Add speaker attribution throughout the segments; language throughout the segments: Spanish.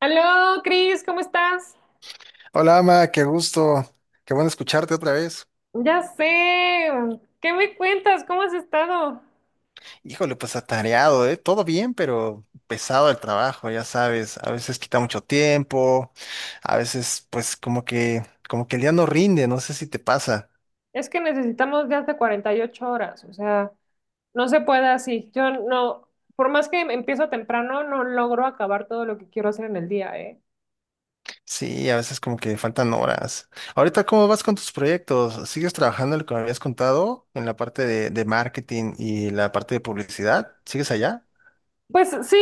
Speaker 1: Aló, Cris, ¿cómo estás?
Speaker 2: Hola, Ama, qué gusto. Qué bueno escucharte otra vez.
Speaker 1: Ya sé. ¿Qué me cuentas? ¿Cómo has estado?
Speaker 2: Híjole, pues atareado, ¿eh? Todo bien, pero pesado el trabajo, ya sabes. A veces quita mucho tiempo, a veces pues como que el día no rinde, no sé si te pasa.
Speaker 1: Es que necesitamos de hasta 48 horas, o sea, no se puede así. Yo no, por más que empiezo temprano, no logro acabar todo lo que quiero hacer en el día, ¿eh?
Speaker 2: Sí, a veces como que faltan horas. Ahorita, ¿cómo vas con tus proyectos? ¿Sigues trabajando en lo que me habías contado en la parte de marketing y la parte de publicidad? ¿Sigues allá?
Speaker 1: Pues sí,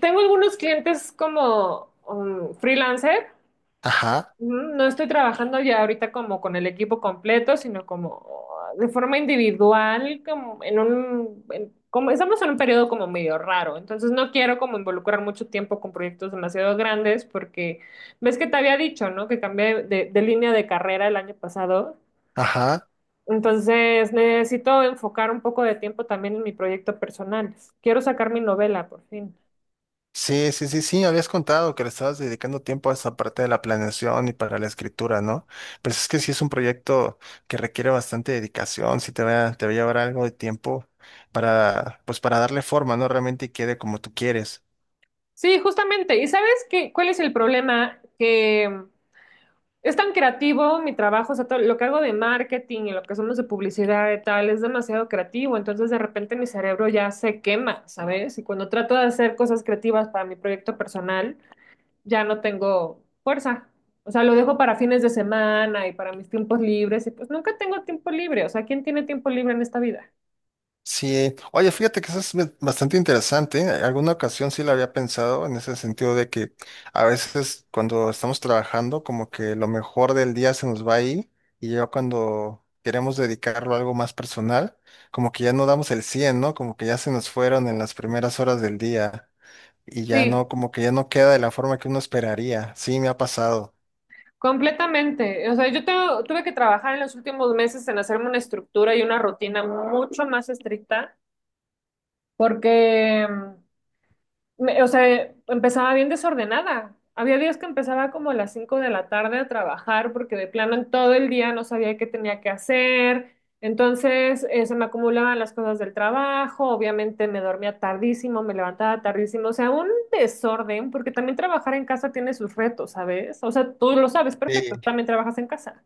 Speaker 1: tengo algunos clientes como freelancer.
Speaker 2: Ajá,
Speaker 1: No estoy trabajando ya ahorita como con el equipo completo, sino como de forma individual, como en un, como estamos en un periodo como medio raro, entonces no quiero como involucrar mucho tiempo con proyectos demasiado grandes porque ves que te había dicho, ¿no? Que cambié de línea de carrera el año pasado,
Speaker 2: ajá.
Speaker 1: entonces necesito enfocar un poco de tiempo también en mi proyecto personal. Quiero sacar mi novela por fin.
Speaker 2: Sí, sí, sí, sí, habías contado que le estabas dedicando tiempo a esa parte de la planeación y para la escritura, ¿no? Pero es que sí es un proyecto que requiere bastante dedicación, sí te va a llevar algo de tiempo pues para darle forma, ¿no? Realmente quede como tú quieres.
Speaker 1: Sí, justamente. ¿Y sabes qué, cuál es el problema? Que es tan creativo mi trabajo, o sea, todo lo que hago de marketing y lo que hacemos de publicidad y tal, es demasiado creativo, entonces de repente mi cerebro ya se quema, ¿sabes? Y cuando trato de hacer cosas creativas para mi proyecto personal, ya no tengo fuerza. O sea, lo dejo para fines de semana y para mis tiempos libres, y pues nunca tengo tiempo libre, o sea, ¿quién tiene tiempo libre en esta vida?
Speaker 2: Sí, oye, fíjate que eso es bastante interesante, ¿eh? Alguna ocasión sí lo había pensado en ese sentido de que a veces cuando estamos trabajando como que lo mejor del día se nos va ahí y ya cuando queremos dedicarlo a algo más personal, como que ya no damos el 100, ¿no? Como que ya se nos fueron en las primeras horas del día y ya
Speaker 1: Sí,
Speaker 2: no, como que ya no queda de la forma que uno esperaría. Sí, me ha pasado.
Speaker 1: completamente. O sea, tuve que trabajar en los últimos meses en hacerme una estructura y una rutina mucho más estricta porque... o sea, empezaba bien desordenada. Había días que empezaba como a las 5 de la tarde a trabajar porque de plano en todo el día no sabía qué tenía que hacer. Entonces, se me acumulaban las cosas del trabajo, obviamente me dormía tardísimo, me levantaba tardísimo, o sea, un desorden, porque también trabajar en casa tiene sus retos, ¿sabes? O sea, tú lo sabes perfecto,
Speaker 2: Sí.
Speaker 1: también trabajas en casa.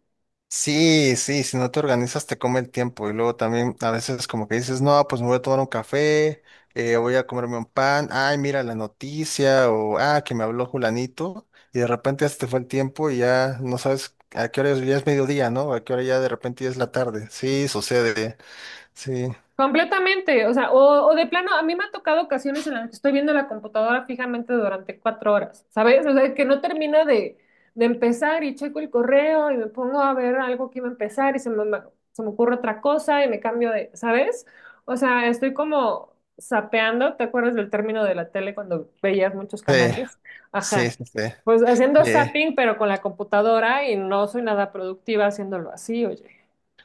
Speaker 2: Sí, sí, si no te organizas te come el tiempo y luego también a veces como que dices, no, pues me voy a tomar un café, voy a comerme un pan, ay, mira la noticia o, ah, que me habló Julanito y de repente ya se te fue el tiempo y ya no sabes a qué hora es, ya es mediodía, ¿no? A qué hora ya de repente ya es la tarde. Sí, sucede, sí,
Speaker 1: Completamente, o sea, o de plano, a mí me ha tocado ocasiones en las que estoy viendo la computadora fijamente durante 4 horas, ¿sabes? O sea, que no termina de empezar y checo el correo y me pongo a ver algo que iba a empezar y se me ocurre otra cosa y me cambio de, ¿sabes? O sea, estoy como sapeando. ¿Te acuerdas del término de la tele cuando veías muchos
Speaker 2: sí,
Speaker 1: canales?
Speaker 2: sí,
Speaker 1: Ajá,
Speaker 2: sí, sí.
Speaker 1: pues haciendo
Speaker 2: eh,
Speaker 1: zapping pero con la computadora, y no soy nada productiva haciéndolo así, oye.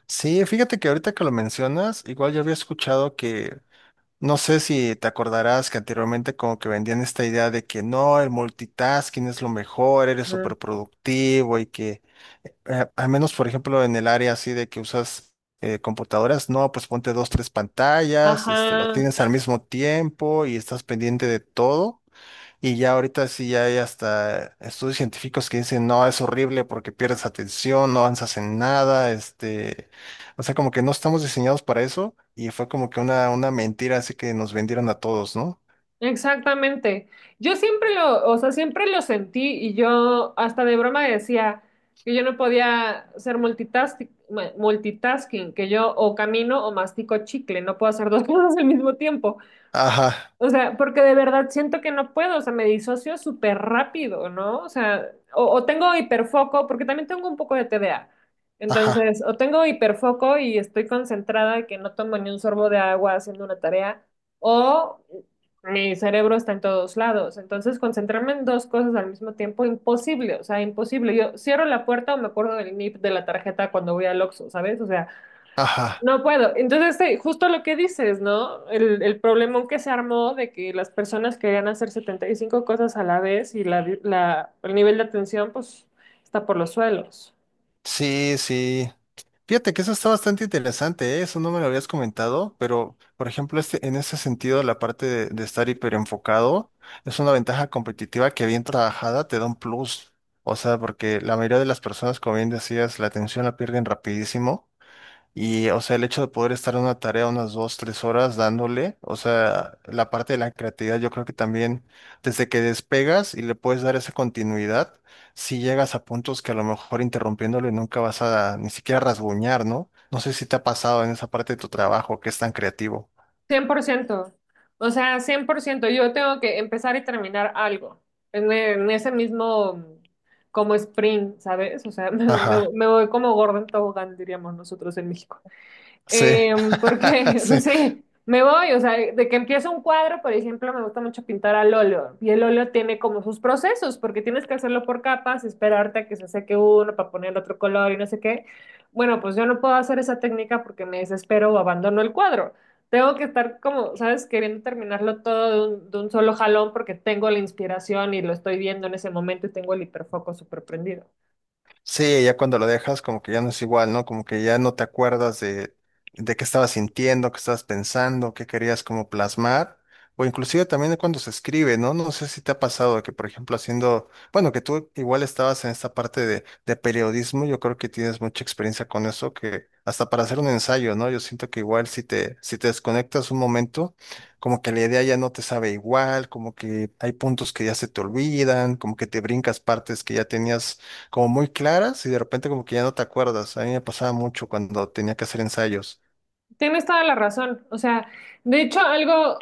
Speaker 2: sí, fíjate que ahorita que lo mencionas, igual yo había escuchado que no sé si te acordarás que anteriormente como que vendían esta idea de que no, el multitasking es lo mejor, eres
Speaker 1: Mm.
Speaker 2: súper productivo y que al menos por ejemplo en el área así de que usas computadoras, no, pues ponte dos, tres pantallas, este, lo
Speaker 1: Ajá.
Speaker 2: tienes al mismo tiempo y estás pendiente de todo. Y ya ahorita sí ya hay hasta estudios científicos que dicen, no, es horrible porque pierdes atención, no avanzas en nada, este, o sea, como que no estamos diseñados para eso y fue como que una mentira así que nos vendieron a todos, ¿no?
Speaker 1: Exactamente. Yo siempre lo, o sea, siempre lo sentí, y yo hasta de broma decía que yo no podía ser multitasking, que yo o camino o mastico chicle, no puedo hacer dos cosas al mismo tiempo.
Speaker 2: Ajá,
Speaker 1: O sea, porque de verdad siento que no puedo, o sea, me disocio súper rápido, ¿no? O sea, o tengo hiperfoco, porque también tengo un poco de TDA.
Speaker 2: ajá,
Speaker 1: Entonces, o tengo hiperfoco y estoy concentrada que no tomo ni un sorbo de agua haciendo una tarea, o mi cerebro está en todos lados. Entonces, concentrarme en dos cosas al mismo tiempo, imposible, o sea, imposible. Yo cierro la puerta o me acuerdo del NIP de la tarjeta cuando voy al Oxxo, ¿sabes? O sea,
Speaker 2: ajá.
Speaker 1: no puedo. Entonces, sí, justo lo que dices, ¿no? El problemón que se armó de que las personas querían hacer 75 cosas a la vez, y el nivel de atención, pues, está por los suelos.
Speaker 2: Sí, sí. Fíjate que eso está bastante interesante, ¿eh? Eso no me lo habías comentado, pero por ejemplo, este, en ese sentido, la parte de estar hiperenfocado es una ventaja competitiva que bien trabajada te da un plus. O sea, porque la mayoría de las personas, como bien decías, la atención la pierden rapidísimo y, o sea, el hecho de poder estar en una tarea unas dos, tres horas dándole, o sea, la parte de la creatividad, yo creo que también desde que despegas y le puedes dar esa continuidad, si llegas a puntos que a lo mejor interrumpiéndole nunca vas a ni siquiera rasguñar, ¿no? No sé si te ha pasado en esa parte de tu trabajo que es tan creativo.
Speaker 1: 100%. O sea, 100%. Yo tengo que empezar y terminar algo en ese mismo como sprint, ¿sabes? O sea,
Speaker 2: Ajá,
Speaker 1: me voy como gordo en tobogán, diríamos nosotros en México.
Speaker 2: sí,
Speaker 1: Eh, porque, no
Speaker 2: sí.
Speaker 1: sé, me voy, o sea, de que empiezo un cuadro, por ejemplo, me gusta mucho pintar al óleo, y el óleo tiene como sus procesos, porque tienes que hacerlo por capas, esperarte a que se seque uno para poner otro color y no sé qué. Bueno, pues yo no puedo hacer esa técnica porque me desespero o abandono el cuadro. Tengo que estar como, ¿sabes? Queriendo terminarlo todo de un solo jalón porque tengo la inspiración y lo estoy viendo en ese momento y tengo el hiperfoco súper prendido.
Speaker 2: Sí, ya cuando lo dejas, como que ya no es igual, ¿no? Como que ya no te acuerdas de qué estabas sintiendo, qué estabas pensando, qué querías como plasmar, o inclusive también de cuando se escribe, ¿no? No sé si te ha pasado que, por ejemplo, haciendo, bueno, que tú igual estabas en esta parte de periodismo, yo creo que tienes mucha experiencia con eso, que hasta para hacer un ensayo, ¿no? Yo siento que igual si te, si te desconectas un momento, como que la idea ya no te sabe igual, como que hay puntos que ya se te olvidan, como que te brincas partes que ya tenías como muy claras y de repente como que ya no te acuerdas. A mí me pasaba mucho cuando tenía que hacer ensayos.
Speaker 1: Tienes toda la razón. O sea, de hecho, algo,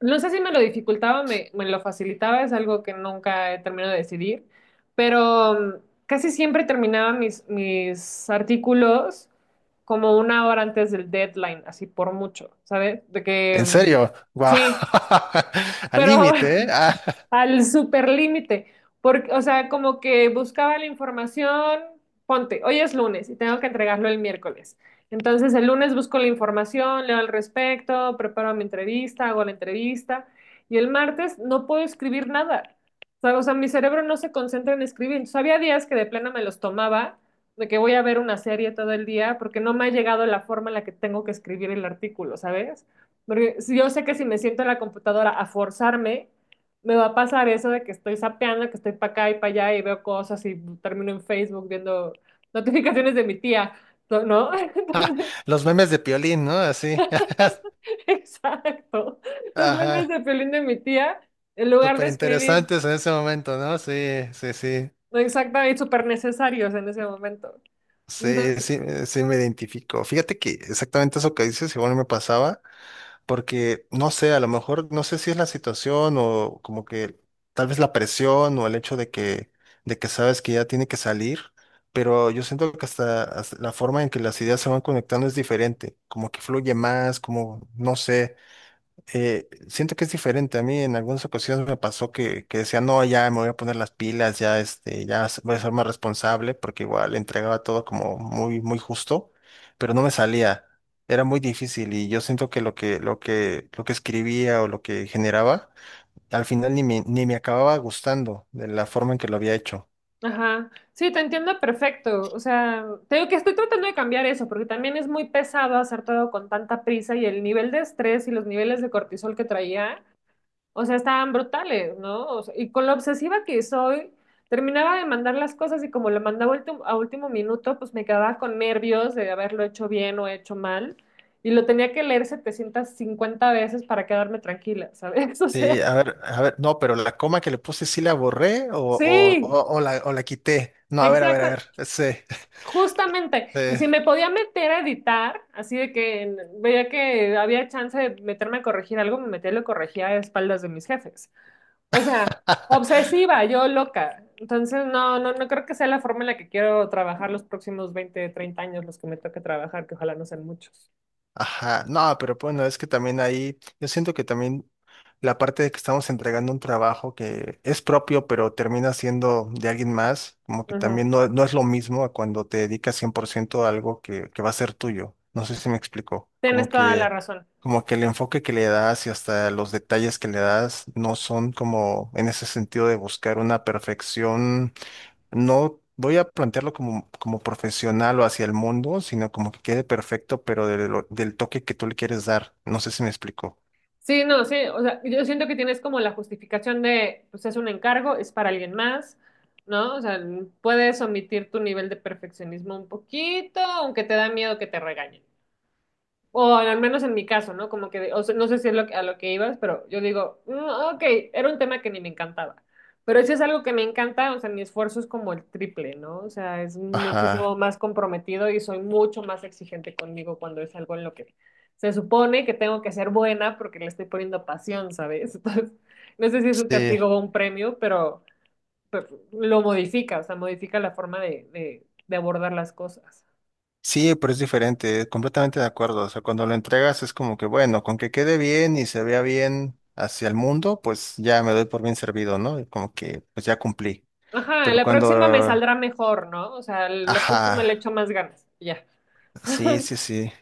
Speaker 1: no sé si me lo dificultaba o me lo facilitaba, es algo que nunca he terminado de decidir, pero casi siempre terminaba mis artículos como 1 hora antes del deadline, así por mucho, ¿sabes? De que
Speaker 2: ¿En serio? ¡Wow!
Speaker 1: sí,
Speaker 2: Al
Speaker 1: pero
Speaker 2: límite, ¿eh? Ah,
Speaker 1: al superlímite, porque, o sea, como que buscaba la información, ponte, hoy es lunes y tengo que entregarlo el miércoles. Entonces el lunes busco la información, leo al respecto, preparo mi entrevista, hago la entrevista y el martes no puedo escribir nada. O sea, mi cerebro no se concentra en escribir. Entonces, había días que de plano me los tomaba, de que voy a ver una serie todo el día porque no me ha llegado la forma en la que tengo que escribir el artículo, ¿sabes? Porque yo sé que si me siento en la computadora a forzarme, me va a pasar eso de que estoy sapeando, que estoy para acá y para allá y veo cosas y termino en Facebook viendo notificaciones de mi tía, ¿no?
Speaker 2: los memes de Piolín, ¿no? Así.
Speaker 1: Exacto. Los memes
Speaker 2: Ajá.
Speaker 1: de Piolín de mi tía, en lugar de
Speaker 2: Súper
Speaker 1: escribir,
Speaker 2: interesantes en ese momento, ¿no? Sí, sí, sí.
Speaker 1: ¿no? Exactamente, súper necesarios en ese momento.
Speaker 2: Sí,
Speaker 1: Entonces,
Speaker 2: sí, sí me identifico. Fíjate que exactamente eso que dices, igual me pasaba. Porque no sé, a lo mejor no sé si es la situación o como que tal vez la presión o el hecho de que sabes que ya tiene que salir, pero yo siento que hasta, hasta la forma en que las ideas se van conectando es diferente, como que fluye más, como no sé, siento que es diferente. A mí en algunas ocasiones me pasó que decía, no, ya me voy a poner las pilas, ya, este, ya voy a ser más responsable, porque igual entregaba todo como muy, muy justo, pero no me salía. Era muy difícil y yo siento que lo que, lo que, lo que escribía o lo que generaba, al final ni me, ni me acababa gustando de la forma en que lo había hecho.
Speaker 1: ajá, sí, te entiendo perfecto. O sea, te digo que estoy tratando de cambiar eso, porque también es muy pesado hacer todo con tanta prisa, y el nivel de estrés y los niveles de cortisol que traía, o sea, estaban brutales, ¿no? O sea, y con lo obsesiva que soy, terminaba de mandar las cosas y como lo mandaba a último minuto, pues me quedaba con nervios de haberlo hecho bien o hecho mal. Y lo tenía que leer 750 veces para quedarme tranquila, ¿sabes? O sea,
Speaker 2: Sí, a ver, no, pero la coma que le puse sí la borré o, o,
Speaker 1: sí,
Speaker 2: o, o la, o la quité. No, a ver, a ver,
Speaker 1: exacto,
Speaker 2: a ver. Sí,
Speaker 1: justamente. Y
Speaker 2: sí.
Speaker 1: si me podía meter a editar, así de que veía que había chance de meterme a corregir algo, me metía y lo corregía a espaldas de mis jefes. O sea, obsesiva, yo loca. Entonces, no, no, no creo que sea la forma en la que quiero trabajar los próximos 20, 30 años, los que me toque trabajar, que ojalá no sean muchos.
Speaker 2: Ajá, no, pero bueno, es que también ahí, yo siento que también la parte de que estamos entregando un trabajo que es propio, pero termina siendo de alguien más, como que
Speaker 1: Ajá.
Speaker 2: también no, no es lo mismo a cuando te dedicas 100% a algo que va a ser tuyo. No sé si me explico, como
Speaker 1: Tienes toda la
Speaker 2: que,
Speaker 1: razón.
Speaker 2: como que el enfoque que le das y hasta los detalles que le das no son como en ese sentido de buscar una perfección, no voy a plantearlo como profesional o hacia el mundo, sino como que quede perfecto, pero de lo- del toque que tú le quieres dar. No sé si me explico.
Speaker 1: Sí, no, sí, o sea, yo siento que tienes como la justificación de, pues es un encargo, es para alguien más, ¿no? O sea, puedes omitir tu nivel de perfeccionismo un poquito, aunque te da miedo que te regañen. O al menos en mi caso, ¿no? Como que, o sea, no sé si es lo que- a lo que ibas, pero yo digo, "Mm, ok, era un tema que ni me encantaba. Pero si es algo que me encanta, o sea, mi esfuerzo es como el triple, ¿no? O sea, es muchísimo
Speaker 2: Ajá.
Speaker 1: más comprometido y soy mucho más exigente conmigo cuando es algo en lo que se supone que tengo que ser buena porque le estoy poniendo pasión, ¿sabes? Entonces, no sé si es un
Speaker 2: Sí,
Speaker 1: castigo o un premio, pero lo modifica, o sea, modifica la forma de, de abordar las cosas.
Speaker 2: sí, pero es diferente, completamente de acuerdo. O sea, cuando lo entregas es como que, bueno, con que quede bien y se vea bien hacia el mundo, pues ya me doy por bien servido, ¿no? Y como que, pues ya cumplí.
Speaker 1: Ajá,
Speaker 2: Pero
Speaker 1: la próxima me
Speaker 2: cuando,
Speaker 1: saldrá mejor, ¿no? O sea, la
Speaker 2: ajá.
Speaker 1: próxima le echo más ganas. Ya.
Speaker 2: Sí, sí, sí.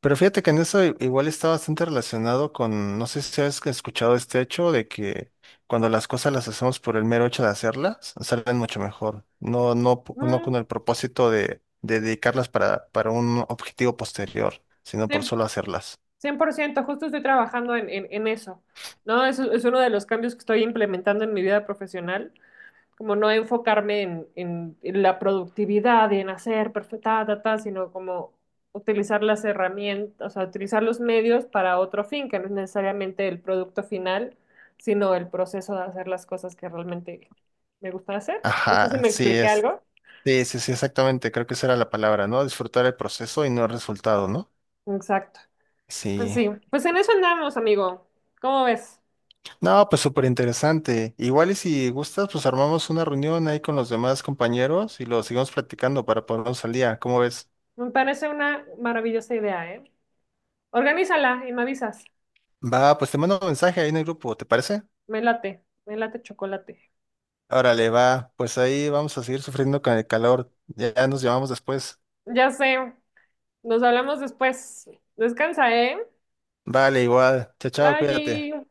Speaker 2: Pero fíjate que en eso igual está bastante relacionado con, no sé si has escuchado este hecho de que cuando las cosas las hacemos por el mero hecho de hacerlas, salen mucho mejor. No, no, no
Speaker 1: Mm,
Speaker 2: con el propósito de dedicarlas para un objetivo posterior, sino por
Speaker 1: 100%,
Speaker 2: solo hacerlas.
Speaker 1: 100%, justo estoy trabajando en eso, ¿no? Es uno de los cambios que estoy implementando en mi vida profesional, como no enfocarme en, en la productividad y en hacer perfecta, ta, ta, sino como utilizar las herramientas, o sea, utilizar los medios para otro fin, que no es necesariamente el producto final, sino el proceso de hacer las cosas que realmente me gusta hacer. No sé si
Speaker 2: Ajá,
Speaker 1: me
Speaker 2: sí
Speaker 1: expliqué
Speaker 2: es.
Speaker 1: algo.
Speaker 2: Sí, sí, sí, exactamente. Creo que esa era la palabra, ¿no? Disfrutar el proceso y no el resultado, ¿no?
Speaker 1: Exacto. Pues
Speaker 2: Sí.
Speaker 1: sí, pues en eso andamos, amigo. ¿Cómo ves?
Speaker 2: No, pues súper interesante. Igual y si gustas, pues armamos una reunión ahí con los demás compañeros y lo seguimos platicando para ponernos al día. ¿Cómo ves?
Speaker 1: Me parece una maravillosa idea, ¿eh? Organízala y me avisas.
Speaker 2: Va, pues te mando un mensaje ahí en el grupo, ¿te parece?
Speaker 1: Me late chocolate.
Speaker 2: Órale, va, pues ahí vamos a seguir sufriendo con el calor. Ya nos llamamos después.
Speaker 1: Ya sé, nos hablamos después. Descansa, ¿eh?
Speaker 2: Vale, igual. Chao, chao, cuídate.
Speaker 1: Bye.